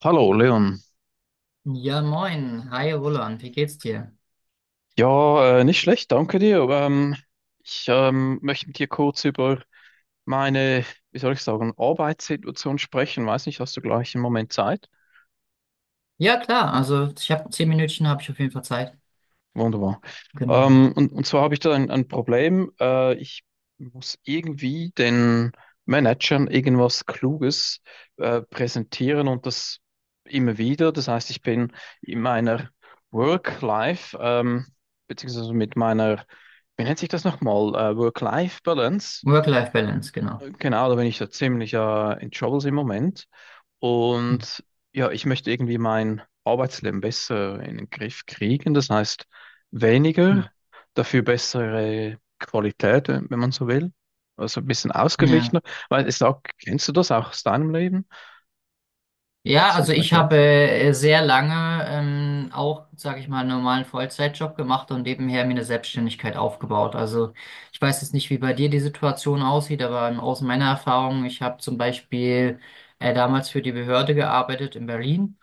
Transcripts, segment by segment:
Hallo Leon. Ja, moin. Hi, Roland. Wie geht's dir? Ja, nicht schlecht, danke dir. Ich möchte mit dir kurz über meine, wie soll ich sagen, Arbeitssituation sprechen. Weiß nicht, hast du gleich einen Moment Zeit? Ja, klar. Also, ich habe 10 Minütchen, habe ich auf jeden Fall Zeit. Wunderbar. Genau. Und zwar habe ich da ein Problem. Ich muss irgendwie den Managern irgendwas Kluges präsentieren, und das immer wieder. Das heißt, ich bin in meiner Work-Life, beziehungsweise mit meiner, wie nennt sich das nochmal? Work-Life-Balance. Äh, Work-Life-Balance, genau. Genau, da bin ich da ziemlich in Troubles im Moment. Hm, Und ja, ich möchte irgendwie mein Arbeitsleben besser in den Griff kriegen. Das heißt, hm. weniger, dafür bessere Qualität, wenn man so will. Also ein bisschen Ja. ausgeglichener. Weil ich sag, kennst du das auch aus deinem Leben? Ja, Kannst du mir also ich vielleicht habe helfen? Sehr lange auch, sage ich mal, einen normalen Vollzeitjob gemacht und nebenher mir eine Selbstständigkeit aufgebaut. Also ich weiß jetzt nicht, wie bei dir die Situation aussieht, aber aus meiner Erfahrung, ich habe zum Beispiel damals für die Behörde gearbeitet in Berlin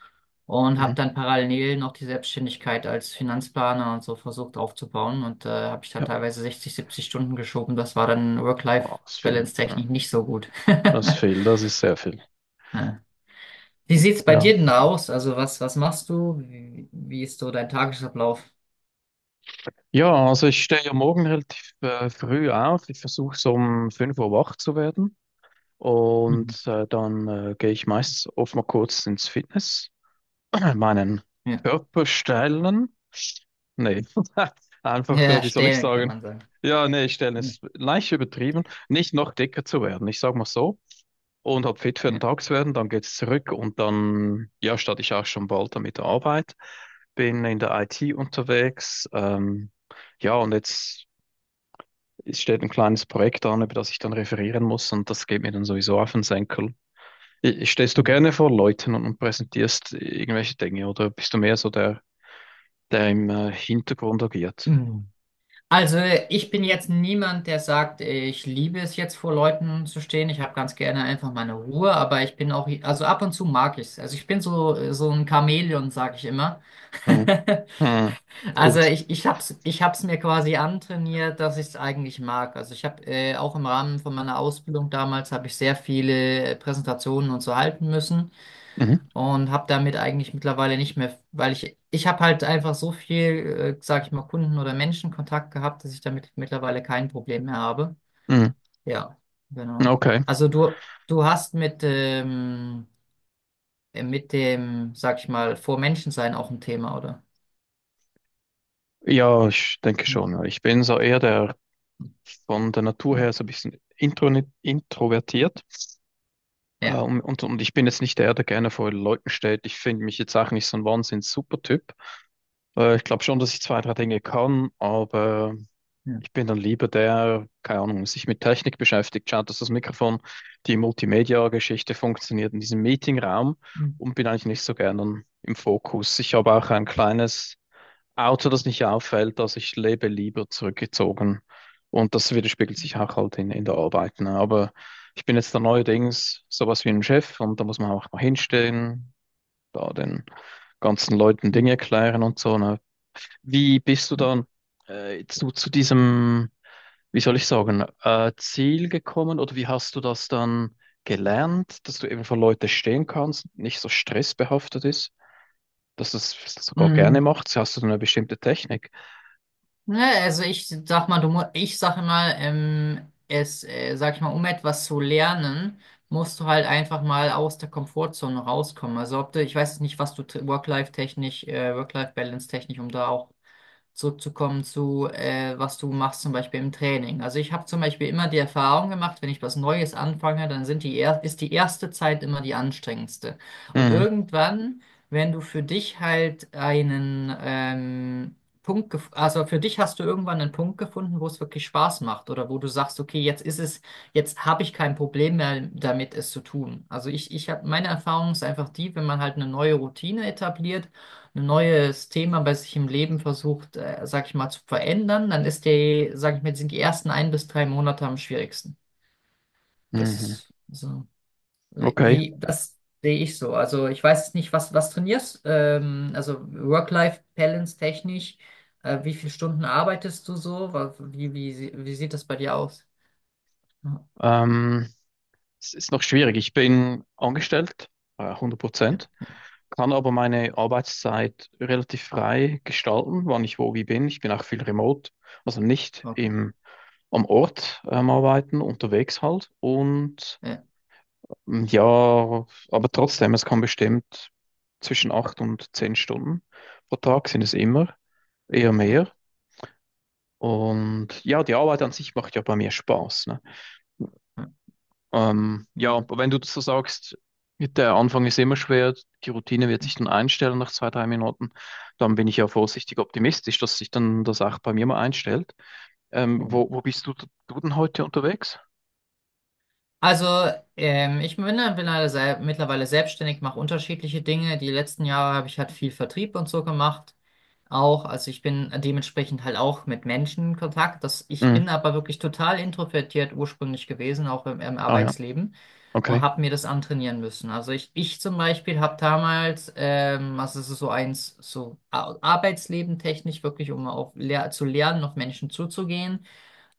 und habe Mhm. dann parallel noch die Selbstständigkeit als Finanzplaner und so versucht aufzubauen und habe ich dann Ja, teilweise 60, 70 Stunden geschoben. Das war dann wow, das ist viel. Work-Life-Balance-technisch Ja. nicht so gut. Das ist viel, das ist sehr viel. Ja. Wie sieht's bei Ja. dir denn aus? Also was, was machst du? Wie, wie ist so dein Tagesablauf? Ja, also ich stehe ja morgen relativ früh auf. Ich versuche so um 5 Uhr wach zu werden. Mhm. Und dann gehe ich meistens oft mal kurz ins Fitness. Ja, meinen Ja. Körperstellen? Nee, Ja, einfach, wie soll ich erstellen kann sagen? man sagen. Ja, nee, Stellen Hm, ist leicht übertrieben. Nicht noch dicker zu werden, ich sag mal so. Und hab fit für den ja. Tag zu werden, dann geht's zurück und dann, ja, starte ich auch schon bald damit der Arbeit. Bin in der IT unterwegs. Ja, und jetzt, es steht ein kleines Projekt an, über das ich dann referieren muss, und das geht mir dann sowieso auf den Senkel. Stehst du Mhm. gerne vor Leuten und präsentierst irgendwelche Dinge, oder bist du mehr so der im Hintergrund agiert? Mhm. Also ich bin jetzt niemand, der sagt, ich liebe es jetzt vor Leuten zu stehen. Ich habe ganz gerne einfach meine Ruhe, aber ich bin auch, also ab und zu mag ich es. Also ich bin so, so ein Chamäleon, sage ich immer. Mhm. Mhm. Also Gut. ich hab's, ich hab's mir quasi antrainiert, dass ich es eigentlich mag. Also ich habe auch im Rahmen von meiner Ausbildung damals habe ich sehr viele Präsentationen und so halten müssen Mhm. und habe damit eigentlich mittlerweile nicht mehr, weil ich habe halt einfach so viel, sag ich mal, Kunden- oder Menschenkontakt gehabt, dass ich damit mittlerweile kein Problem mehr habe. Mhm. Ja, genau. Okay. Also du hast mit dem, sag ich mal, vor Menschen sein auch ein Thema, oder? Ja, ich denke Hm. schon, ja. Ich bin so eher der, von der Natur her so ein bisschen introvertiert. Äh, Ja. und, und, und ich bin jetzt nicht der, der gerne vor Leuten steht. Ich finde mich jetzt auch nicht so ein Wahnsinns-Supertyp. Ich glaube schon, dass ich zwei, drei Dinge kann, aber Ja. ich bin dann lieber der, keine Ahnung, sich mit Technik beschäftigt, schaut, dass das Mikrofon, die Multimedia-Geschichte funktioniert in diesem Meetingraum, Hm. und bin eigentlich nicht so gern dann im Fokus. Ich habe auch ein kleines Auto, das nicht auffällt, also ich lebe lieber zurückgezogen, und das widerspiegelt sich auch halt in, der Arbeit. Ne? Aber ich bin jetzt da neuerdings sowas wie ein Chef, und da muss man auch mal hinstehen, da den ganzen Leuten Hm. Dinge erklären und so. Ne? Wie bist du dann jetzt so zu diesem, wie soll ich sagen, Ziel gekommen, oder wie hast du das dann gelernt, dass du eben für Leute stehen kannst, nicht so stressbehaftet ist, dass du es sogar Mm, gerne machst? Hast du dann eine bestimmte Technik? Ne, also ich sag mal, du, ich sag mal, es, sag ich mal, um etwas zu lernen, musst du halt einfach mal aus der Komfortzone rauskommen. Also ob du, ich weiß jetzt nicht, was du Work-Life-technisch, Work-Life-Balance-technisch, um da auch zurückzukommen zu, was du machst, zum Beispiel im Training. Also ich habe zum Beispiel immer die Erfahrung gemacht, wenn ich was Neues anfange, dann sind die er ist die erste Zeit immer die anstrengendste. Und Mhm. irgendwann, wenn du für dich halt einen also für dich hast du irgendwann einen Punkt gefunden, wo es wirklich Spaß macht oder wo du sagst, okay, jetzt ist es, jetzt habe ich kein Problem mehr damit, es zu tun. Also ich habe, meine Erfahrung ist einfach die, wenn man halt eine neue Routine etabliert, ein neues Thema bei sich im Leben versucht, sag ich mal, zu verändern, dann ist die, sag ich mal, sind die ersten ein bis drei Monate am schwierigsten. Das Mhm. ist so, Okay. Das sehe ich so. Also ich weiß jetzt nicht, was, was trainierst, also Work-Life-Balance technisch, wie viele Stunden arbeitest du so? Wie, wie, wie sieht das bei dir aus? Ja, Ähm, Es ist noch schwierig. Ich bin angestellt, 100%. Kann aber meine Arbeitszeit relativ frei gestalten, wann ich wo wie bin. Ich bin auch viel remote, also nicht okay. am Ort arbeiten, unterwegs halt. Und Ja, ähm, ja, aber trotzdem, es kann bestimmt zwischen 8 und 10 Stunden pro Tag sind es immer, eher ja, mehr. Und ja, die Arbeit an sich macht ja bei mir Spaß, ne? ja. Ja, Hm. aber wenn du das so sagst, der Anfang ist immer schwer, die Routine wird sich dann einstellen nach 2, 3 Minuten, dann bin ich ja vorsichtig optimistisch, dass sich dann das auch bei mir mal einstellt. Ähm, Ja. wo, wo bist du denn heute unterwegs? Also, ich bin ja mittlerweile mittlerweile selbstständig, mache unterschiedliche Dinge. Die letzten Jahre habe ich halt viel Vertrieb und so gemacht. Auch, also ich bin dementsprechend halt auch mit Menschen in Kontakt. Das, ich Mhm. bin aber wirklich total introvertiert ursprünglich gewesen, auch im, im Ah ja, Arbeitsleben, und okay. habe mir das antrainieren müssen. Also ich zum Beispiel habe damals, also es ist so eins, so Arbeitsleben technisch wirklich, um auch lehr zu lernen, auf Menschen zuzugehen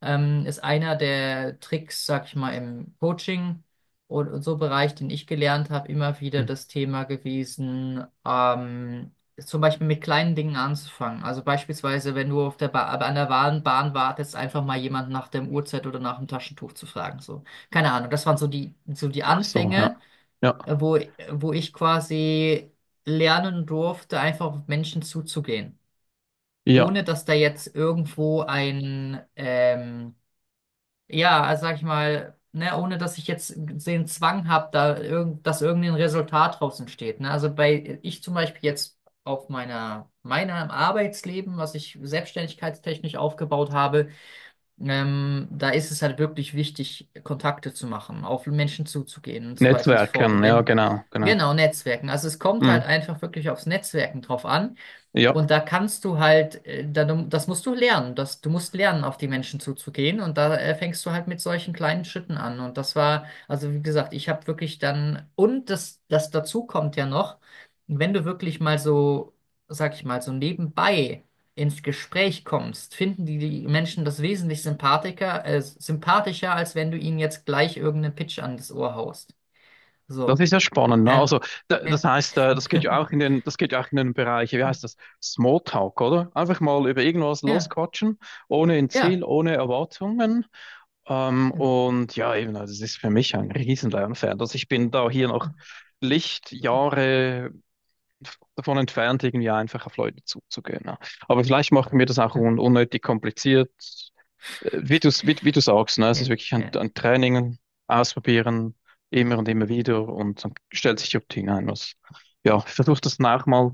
ist einer der Tricks, sag ich mal, im Coaching und so Bereich, den ich gelernt habe, immer wieder Mhm. das Thema gewesen, zum Beispiel mit kleinen Dingen anzufangen. Also beispielsweise, wenn du auf der ba an der Bahn wartest, einfach mal jemand nach dem Uhrzeit oder nach dem Taschentuch zu fragen. So. Keine Ahnung, das waren so die Ach so, ja. Anfänge, Ja, wo, wo ich quasi lernen durfte, einfach auf Menschen zuzugehen. ja. Ohne dass da jetzt irgendwo ein, ja, also sag ich mal, ne, ohne dass ich jetzt den Zwang habe, da irgend, dass irgendein Resultat draus entsteht. Ne? Also bei ich zum Beispiel jetzt auf meiner, meiner Arbeitsleben, was ich selbstständigkeitstechnisch aufgebaut habe, da ist es halt wirklich wichtig, Kontakte zu machen, auf Menschen zuzugehen und so weiter und so fort. Und Netzwerken, ja, wenn, genau, genau. genau, Netzwerken. Also es kommt halt Mhm. einfach wirklich aufs Netzwerken drauf an. Ja. Und da kannst du halt, da, das musst du lernen. Das, du musst lernen, auf die Menschen zuzugehen. Und da fängst du halt mit solchen kleinen Schritten an. Und das war, also wie gesagt, ich habe wirklich dann, und das, das dazu kommt ja noch, wenn du wirklich mal so, sag ich mal, so nebenbei ins Gespräch kommst, finden die, die Menschen das wesentlich sympathischer, als wenn du ihnen jetzt gleich irgendeinen Pitch an das Ohr haust. Das So. ist ja spannend, ne? Äh, Also, das ja, heißt, das geht ja auch in den, Bereich, wie heißt das? Smalltalk, oder? Einfach mal über irgendwas ja, losquatschen, ohne ein Ziel, ja, ohne Erwartungen. Ähm, genau. und ja, eben, also das ist für mich ein riesen Lernfeld. Also ich bin da hier noch Ja, Lichtjahre davon entfernt, irgendwie einfach auf Leute zuzugehen. Ne? Aber vielleicht machen wir das auch ja, un unnötig kompliziert, wie du sagst, ne? Es ist ja. wirklich ein, Ja. ein Training, ausprobieren, immer und immer wieder, und dann stellt sich die Routine ein. Was, ja, ich versuche das nach mal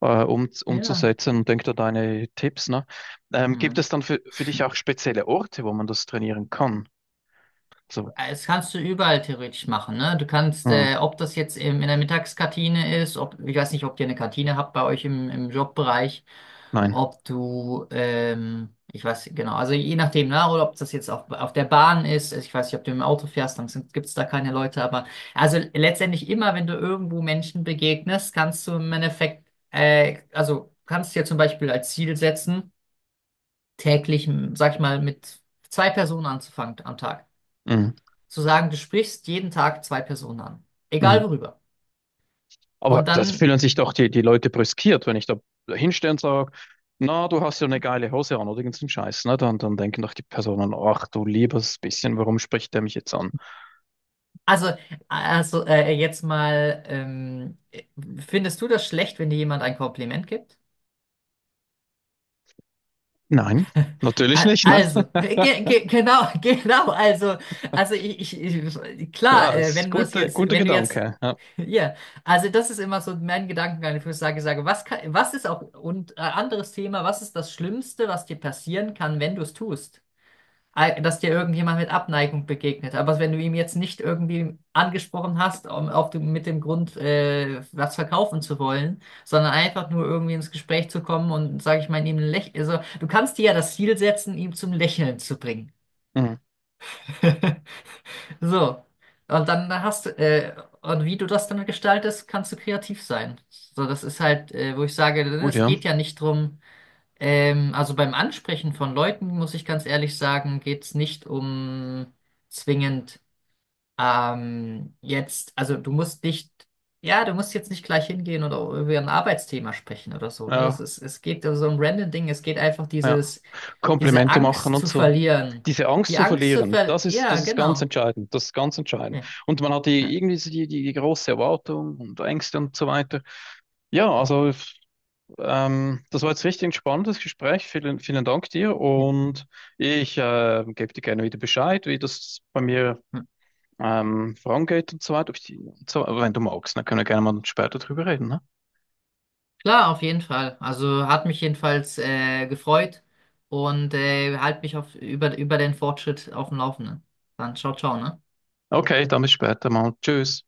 Ja. umzusetzen und denke da deine Tipps, ne? Gibt Ja. es dann für dich auch spezielle Orte, wo man das trainieren kann? So, Das kannst du überall theoretisch machen, ne? Du kannst, hm, ob das jetzt im, in der Mittagskantine ist, ob, ich weiß nicht, ob ihr eine Kantine habt bei euch im, im Jobbereich, nein. ob du, ich weiß genau, also je nachdem, ne? Oder ob das jetzt auf der Bahn ist, also ich weiß nicht, ob du im Auto fährst, dann gibt es da keine Leute, aber also letztendlich immer, wenn du irgendwo Menschen begegnest, kannst du im Endeffekt, also kannst dir zum Beispiel als Ziel setzen, täglich, sag ich mal, mit 2 Personen anzufangen am Tag. Hm, Zu sagen, du sprichst jeden Tag 2 Personen an. hm. Egal worüber. Aber Und das dann, fühlen sich doch die Leute brüskiert, wenn ich da hinstehe und sage, na, du hast ja eine geile Hose an, oder irgendeinen Scheiß, ne? Dann denken doch die Personen, ach du liebes bisschen, warum spricht der mich jetzt an? also, also jetzt mal, findest du das schlecht, wenn dir jemand ein Kompliment gibt? Nein, natürlich nicht, ne? Also, ge ge genau, genau, also ich Ja, klar, das ist wenn du das gute, jetzt, guter wenn du jetzt, Gedanke. Ja. ja, also das ist immer so mein Gedankengang, wo ich sage, was kann, was ist auch, und anderes Thema, was ist das Schlimmste, was dir passieren kann, wenn du es tust? Dass dir irgendjemand mit Abneigung begegnet. Aber wenn du ihm jetzt nicht irgendwie angesprochen hast, um, auf dem, mit dem Grund, was verkaufen zu wollen, sondern einfach nur irgendwie ins Gespräch zu kommen und, sage ich mal, ihm ein Lächeln, also du kannst dir ja das Ziel setzen, ihm zum Lächeln zu bringen. Mhm. So. Und dann hast du, und wie du das dann gestaltest, kannst du kreativ sein. So, das ist halt, wo ich sage, Gut, es ja. geht ja nicht drum, also beim Ansprechen von Leuten, muss ich ganz ehrlich sagen, geht es nicht um zwingend jetzt, also du musst nicht, ja, du musst jetzt nicht gleich hingehen oder über ein Arbeitsthema sprechen oder so, ne? Das Ja, ist, es geht also so ein random Ding, es geht einfach ja. dieses, diese Komplimente machen Angst und zu so. verlieren. Diese Angst Die zu Angst zu verlieren, verlieren, das ist, ja, das ist ganz genau. entscheidend. Das ist ganz entscheidend. Ja, Und man hat ja, die, irgendwie so die, die, die große Erwartung und Ängste und so weiter. Ja, also das war jetzt richtig ein spannendes Gespräch. Vielen, vielen Dank dir. ja. Und ich gebe dir gerne wieder Bescheid, wie das bei mir vorangeht und so weiter. Ob ich die, und so, wenn du magst, dann können wir gerne mal später drüber reden. Ne? Klar, auf jeden Fall. Also hat mich jedenfalls gefreut und halt mich auf, über, über den Fortschritt auf dem Laufenden. Dann ciao, ciao, ne? Okay, dann bis später mal. Tschüss.